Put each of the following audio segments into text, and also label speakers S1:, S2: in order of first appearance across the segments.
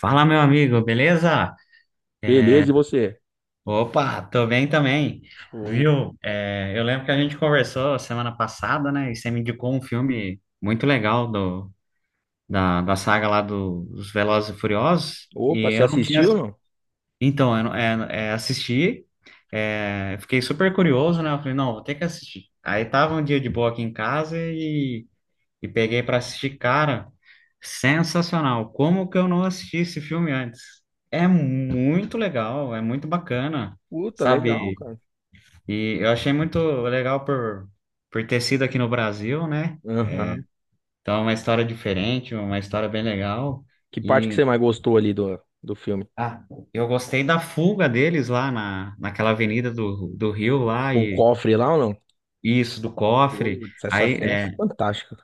S1: Fala, meu amigo, beleza?
S2: Beleza, e você?
S1: Opa, tô bem também.
S2: Show.
S1: Viu? Eu lembro que a gente conversou semana passada, né? E você me indicou um filme muito legal da saga lá dos Velozes e Furiosos.
S2: Opa,
S1: E
S2: você
S1: eu não tinha.
S2: assistiu, não?
S1: Então, eu não- é, é, assisti, fiquei super curioso, né? Eu falei, não, vou ter que assistir. Aí tava um dia de boa aqui em casa e peguei para assistir, cara, sensacional. Como que eu não assisti esse filme antes? É muito legal, é muito bacana,
S2: Puta, legal,
S1: sabe?
S2: cara.
S1: E eu achei muito legal por ter sido aqui no Brasil, né?
S2: Aham.
S1: Então, é uma história diferente, uma história bem legal.
S2: Que parte que
S1: E
S2: você mais gostou ali do filme?
S1: ah, eu gostei da fuga deles naquela avenida do Rio lá
S2: Com o cofre lá ou não?
S1: e isso do cofre.
S2: Putz, essa
S1: Aí,
S2: cena é
S1: é,
S2: fantástica.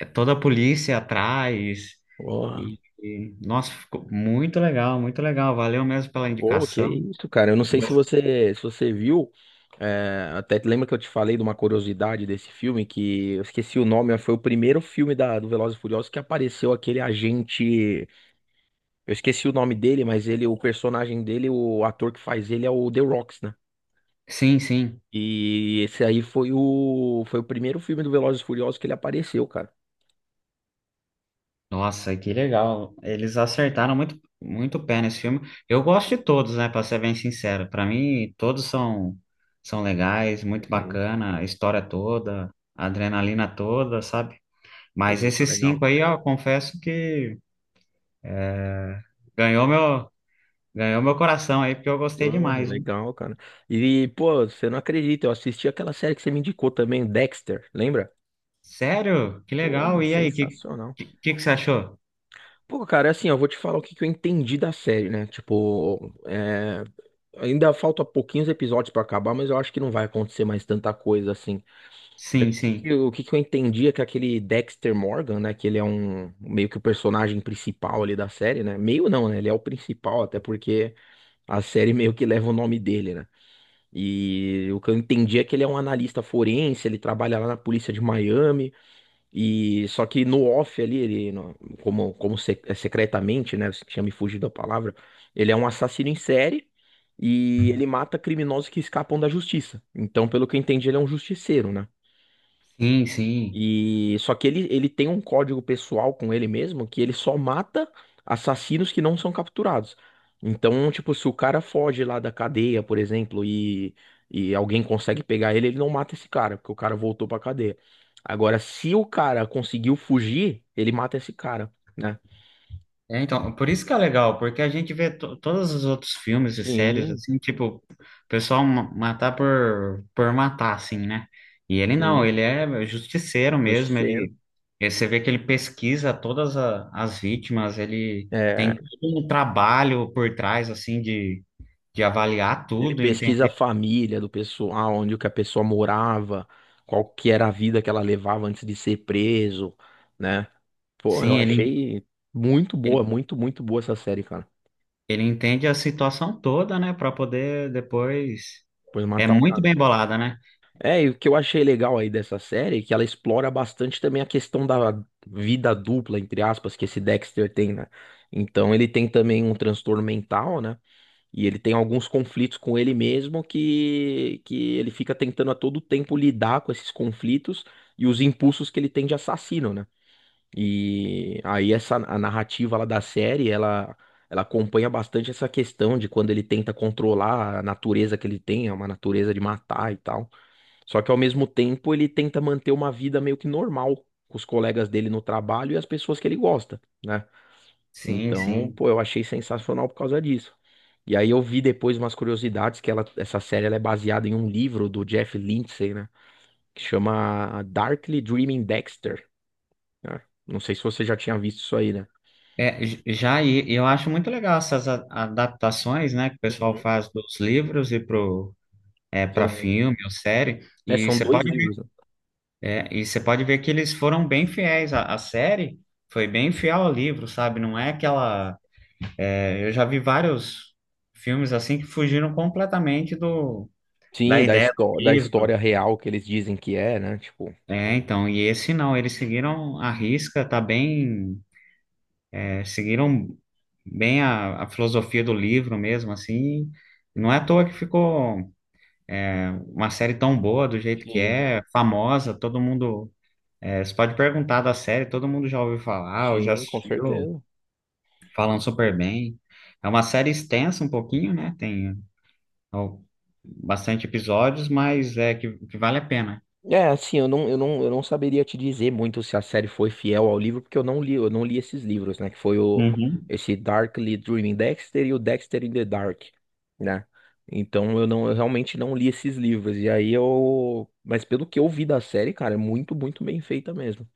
S1: é toda a polícia atrás.
S2: Porra.
S1: E nossa, ficou muito legal, muito legal. Valeu mesmo pela
S2: Pô, que
S1: indicação.
S2: isso, cara. Eu não sei se
S1: Gos-
S2: você, se você viu. Até lembra que eu te falei de uma curiosidade desse filme que eu esqueci o nome, mas foi o primeiro filme da, do Velozes e Furiosos que apareceu aquele agente. Eu esqueci o nome dele, mas ele, o personagem dele, o ator que faz ele é o The Rock, né?
S1: Sim, sim.
S2: E esse aí foi o primeiro filme do Velozes e Furiosos que ele apareceu, cara.
S1: Nossa, que legal. Eles acertaram muito, muito o pé nesse filme. Eu gosto de todos, né, para ser bem sincero. Para mim, todos são legais, muito
S2: Uhum.
S1: bacana, a história toda, a adrenalina toda, sabe? Mas
S2: Pô, tá
S1: esses
S2: legal.
S1: 5 aí, ó, confesso que ganhou meu ganhou meu coração aí, porque eu gostei
S2: Pô,
S1: demais.
S2: legal, cara. E, pô, você não acredita, eu assisti aquela série que você me indicou também, Dexter, lembra?
S1: Sério? Que
S2: Pô,
S1: legal. E aí,
S2: sensacional.
S1: que você achou?
S2: Pô, cara, assim, eu vou te falar o que que eu entendi da série, né? Tipo, ainda falta pouquinhos episódios pra acabar, mas eu acho que não vai acontecer mais tanta coisa assim. O
S1: Sim,
S2: que que
S1: sim.
S2: eu, o que que eu entendi é que aquele Dexter Morgan, né? Que ele é um meio que o personagem principal ali da série, né? Meio não, né? Ele é o principal, até porque a série meio que leva o nome dele, né? E o que eu entendi é que ele é um analista forense, ele trabalha lá na polícia de Miami, e só que no off ali, ele, no- como, é secretamente, né? Você tinha me fugido da palavra, ele é um assassino em série. E ele mata criminosos que escapam da justiça. Então, pelo que eu entendi, ele é um justiceiro, né?
S1: Sim, sim.
S2: E só que ele tem um código pessoal com ele mesmo que ele só mata assassinos que não são capturados. Então, tipo, se o cara foge lá da cadeia, por exemplo, e alguém consegue pegar ele, ele não mata esse cara, porque o cara voltou pra cadeia. Agora, se o cara conseguiu fugir, ele mata esse cara, né?
S1: É, então, por isso que é legal, porque a gente vê todos os outros filmes e séries,
S2: Sim,
S1: assim, tipo, o pessoal matar por matar, assim, né? E ele não,
S2: sim,
S1: ele é justiceiro mesmo,
S2: justiceiro.
S1: você vê que ele pesquisa as vítimas, ele
S2: É,
S1: tem todo um trabalho por trás, assim, de avaliar
S2: ele
S1: tudo,
S2: pesquisa a
S1: entender.
S2: família do pessoal, onde que a pessoa morava, qual que era a vida que ela levava antes de ser preso, né? Pô, eu
S1: Sim, ele,
S2: achei muito boa, muito, muito boa essa série, cara.
S1: Ele entende a situação toda, né, para poder depois.
S2: Depois de
S1: É
S2: matar o
S1: muito
S2: cara.
S1: bem bolada, né?
S2: É, e o que eu achei legal aí dessa série é que ela explora bastante também a questão da vida dupla, entre aspas, que esse Dexter tem, né? Então ele tem também um transtorno mental, né? E ele tem alguns conflitos com ele mesmo que ele fica tentando a todo tempo lidar com esses conflitos e os impulsos que ele tem de assassino, né? E aí essa a narrativa lá da série, ela acompanha bastante essa questão de quando ele tenta controlar a natureza que ele tem, é uma natureza de matar e tal. Só que ao mesmo tempo ele tenta manter uma vida meio que normal com os colegas dele no trabalho e as pessoas que ele gosta, né?
S1: Sim,
S2: Então,
S1: sim.
S2: pô, eu achei sensacional por causa disso. E aí eu vi depois umas curiosidades que ela, essa série ela é baseada em um livro do Jeff Lindsay, né? Que chama Darkly Dreaming Dexter, né? Não sei se você já tinha visto isso aí, né?
S1: É, já eu acho muito legal essas adaptações, né, que o pessoal
S2: Uhum.
S1: faz dos livros e para
S2: São,
S1: filme ou série.
S2: é,
S1: E
S2: são
S1: você
S2: dois
S1: pode ver,
S2: livros, né?
S1: e você pode ver que eles foram bem fiéis. A série foi bem fiel ao livro, sabe? Não é aquela. Eu já vi vários filmes assim que fugiram completamente do da
S2: Sim, da,
S1: ideia do livro.
S2: história real que eles dizem que é, né? Tipo,
S1: É, então, e esse não, eles seguiram a risca, tá bem, seguiram bem a filosofia do livro mesmo, assim, não é à toa que ficou uma série tão boa do jeito que
S2: sim,
S1: é, famosa, todo mundo, você pode perguntar da série, todo mundo já ouviu falar, ou já
S2: sim, com
S1: assistiu,
S2: certeza.
S1: falam
S2: E-
S1: super bem. É uma série extensa um pouquinho, né, tem ó, bastante episódios, mas que vale a pena.
S2: É, assim, eu não saberia te dizer muito se a série foi fiel ao livro, porque eu não li esses livros, né? Que foi
S1: Uhum.
S2: esse Darkly Dreaming Dexter e o Dexter in the Dark, né? Então eu realmente não li esses livros. E aí eu, mas pelo que eu vi da série, cara, é muito, muito bem feita mesmo.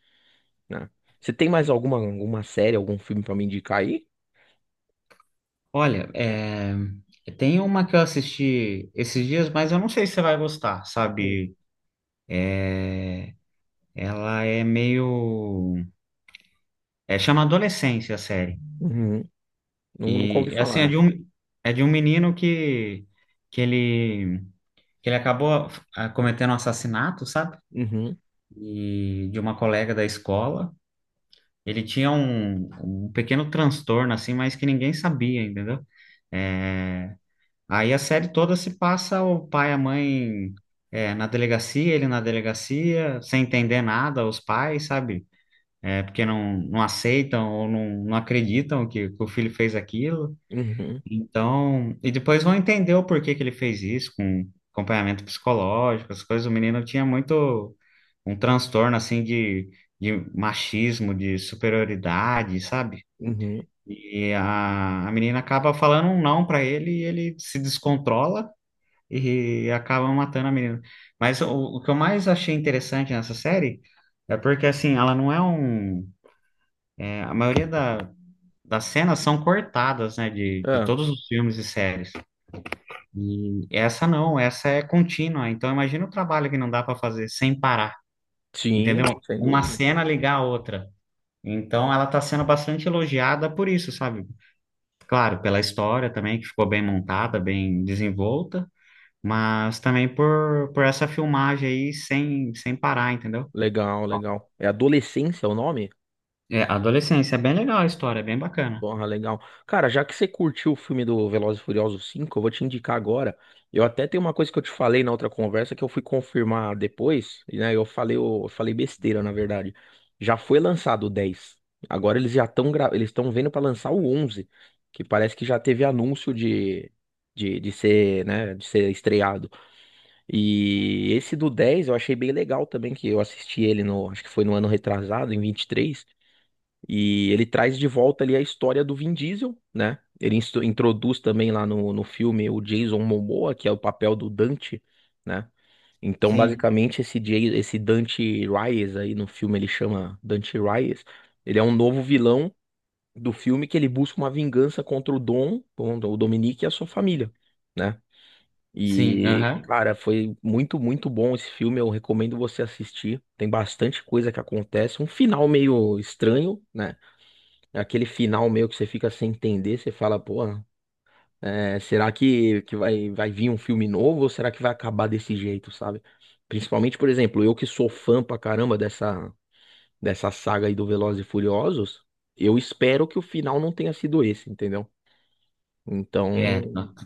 S2: Né? Você tem mais alguma série, algum filme pra me indicar aí?
S1: Olha, tem uma que eu assisti esses dias, mas eu não sei se você vai gostar,
S2: Hum.
S1: sabe? Ela é meio. É, chama Adolescência a série.
S2: Uhum. Não, nunca ouvi
S1: E assim,
S2: falar, né?
S1: é de um menino que ele, que ele acabou cometendo um assassinato, sabe?
S2: Uhum,
S1: E de uma colega da escola. Ele tinha um pequeno transtorno, assim, mas que ninguém sabia, entendeu? É, Aí a série toda se passa o pai e a mãe é, na delegacia, ele na delegacia, sem entender nada, os pais, sabe? É, porque não aceitam ou não acreditam que o filho fez aquilo.
S2: uhum,
S1: Então, e depois vão entender o porquê que ele fez isso, com acompanhamento psicológico, as coisas. O menino tinha muito um transtorno, assim, de machismo, de superioridade, sabe?
S2: uhum.
S1: E a menina acaba falando um não para ele e ele se descontrola e acabam matando a menina. Mas o que eu mais achei interessante nessa série é porque, assim, ela não é a maioria das cenas são cortadas, né, de
S2: Ah,
S1: todos os filmes e séries. E essa não, essa é contínua. Então, imagina o trabalho que não dá para fazer sem parar,
S2: sim,
S1: entendeu?
S2: não, sem
S1: Uma
S2: dúvida.
S1: cena ligar a outra. Então, ela está sendo bastante elogiada por isso, sabe? Claro, pela história também, que ficou bem montada, bem desenvolta. Mas também por essa filmagem aí sem parar, entendeu?
S2: Legal, legal. É Adolescência o nome?
S1: É, adolescência, é bem legal a história, é bem bacana.
S2: Porra, legal. Cara, já que você curtiu o filme do Velozes e Furiosos 5 eu vou te indicar agora. Eu até tenho uma coisa que eu te falei na outra conversa que eu fui confirmar depois, e, né? Eu falei besteira, na verdade. Já foi lançado o 10. Agora eles estão vendo pra lançar o 11, que parece que já teve anúncio de de ser, né, de ser estreado. E esse do 10 eu achei bem legal também, que eu assisti ele no, acho que foi no ano retrasado, em vinte e três, e ele traz de volta ali a história do Vin Diesel, né? Ele introduz também lá no filme o Jason Momoa, que é o papel do Dante, né? Então,
S1: Sim.
S2: basicamente, esse Dante Reyes aí no filme, ele chama Dante Reyes, ele é um novo vilão do filme que ele busca uma vingança contra o Dom, o Dominique e a sua família, né?
S1: Sim,
S2: E,
S1: aham.
S2: cara, foi muito, muito bom esse filme. Eu recomendo você assistir. Tem bastante coisa que acontece. Um final meio estranho, né? Aquele final meio que você fica sem entender, você fala, pô, é, será que vai, vai vir um filme novo ou será que vai acabar desse jeito, sabe? Principalmente, por exemplo, eu que sou fã pra caramba dessa saga aí do Velozes e Furiosos, eu espero que o final não tenha sido esse, entendeu? Então,
S1: É,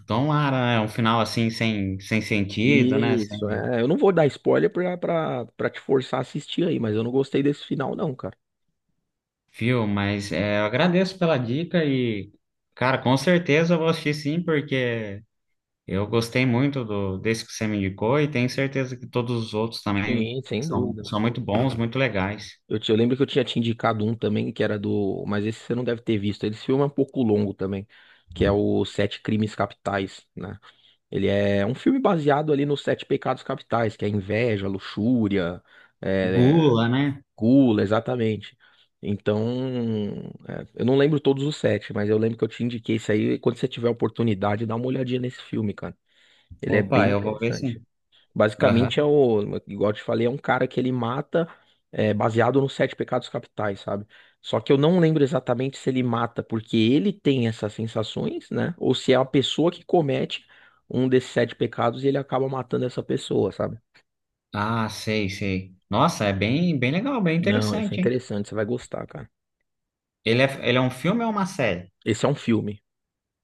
S1: tomara, né? Um final assim sem sentido, né? Sem
S2: isso, eu não vou dar spoiler pra te forçar a assistir aí, mas eu não gostei desse final não, cara.
S1: fio, mas é, eu agradeço pela dica e, cara, com certeza eu vou assistir sim, porque eu gostei muito desse que você me indicou e tenho certeza que todos os outros também
S2: Sim, sem
S1: são,
S2: dúvida.
S1: são muito bons, muito legais.
S2: Eu lembro que eu tinha te indicado um também, que era do. Mas esse você não deve ter visto. Esse filme é um pouco longo também, que é o Sete Crimes Capitais, né? Ele é um filme baseado ali nos Sete Pecados Capitais, que é inveja, luxúria, é,
S1: Gula, né?
S2: gula, exatamente. Então, eu não lembro todos os sete, mas eu lembro que eu te indiquei isso aí. Quando você tiver a oportunidade, dá uma olhadinha nesse filme, cara. Ele é bem
S1: Opa, eu vou ver
S2: interessante.
S1: sim. Aham.
S2: Basicamente é o, igual eu te falei, é um cara que ele mata baseado nos sete pecados capitais, sabe? Só que eu não lembro exatamente se ele mata porque ele tem essas sensações, né? Ou se é a pessoa que comete um desses sete pecados e ele acaba matando essa pessoa, sabe?
S1: Ah, sei, sei. Nossa, é bem, bem legal, bem
S2: Não, isso é
S1: interessante, hein?
S2: interessante, você vai gostar, cara.
S1: Ele é um filme ou uma série?
S2: Esse é um filme,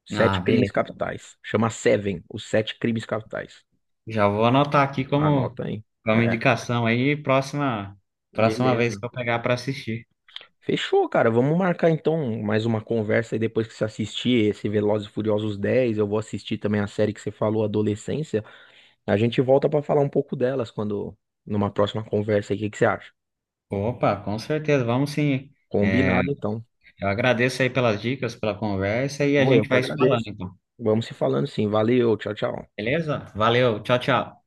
S2: Sete
S1: Ah,
S2: Crimes
S1: beleza.
S2: Capitais. Chama Seven, os Sete Crimes Capitais.
S1: Já vou anotar aqui como,
S2: Anota aí.
S1: como
S2: É,
S1: indicação aí, próxima, próxima vez
S2: beleza.
S1: que eu pegar para assistir.
S2: Fechou, cara. Vamos marcar então mais uma conversa aí depois que você assistir esse Velozes e Furiosos 10. Eu vou assistir também a série que você falou, Adolescência. A gente volta pra falar um pouco delas quando, numa próxima conversa aí. O que que você acha?
S1: Opa, com certeza, vamos sim. É,
S2: Combinado, então.
S1: eu agradeço aí pelas dicas, pela conversa e a
S2: Pô, eu
S1: gente
S2: que
S1: vai se falando,
S2: agradeço.
S1: então.
S2: Vamos se falando sim. Valeu, tchau, tchau.
S1: Beleza? Valeu, tchau, tchau.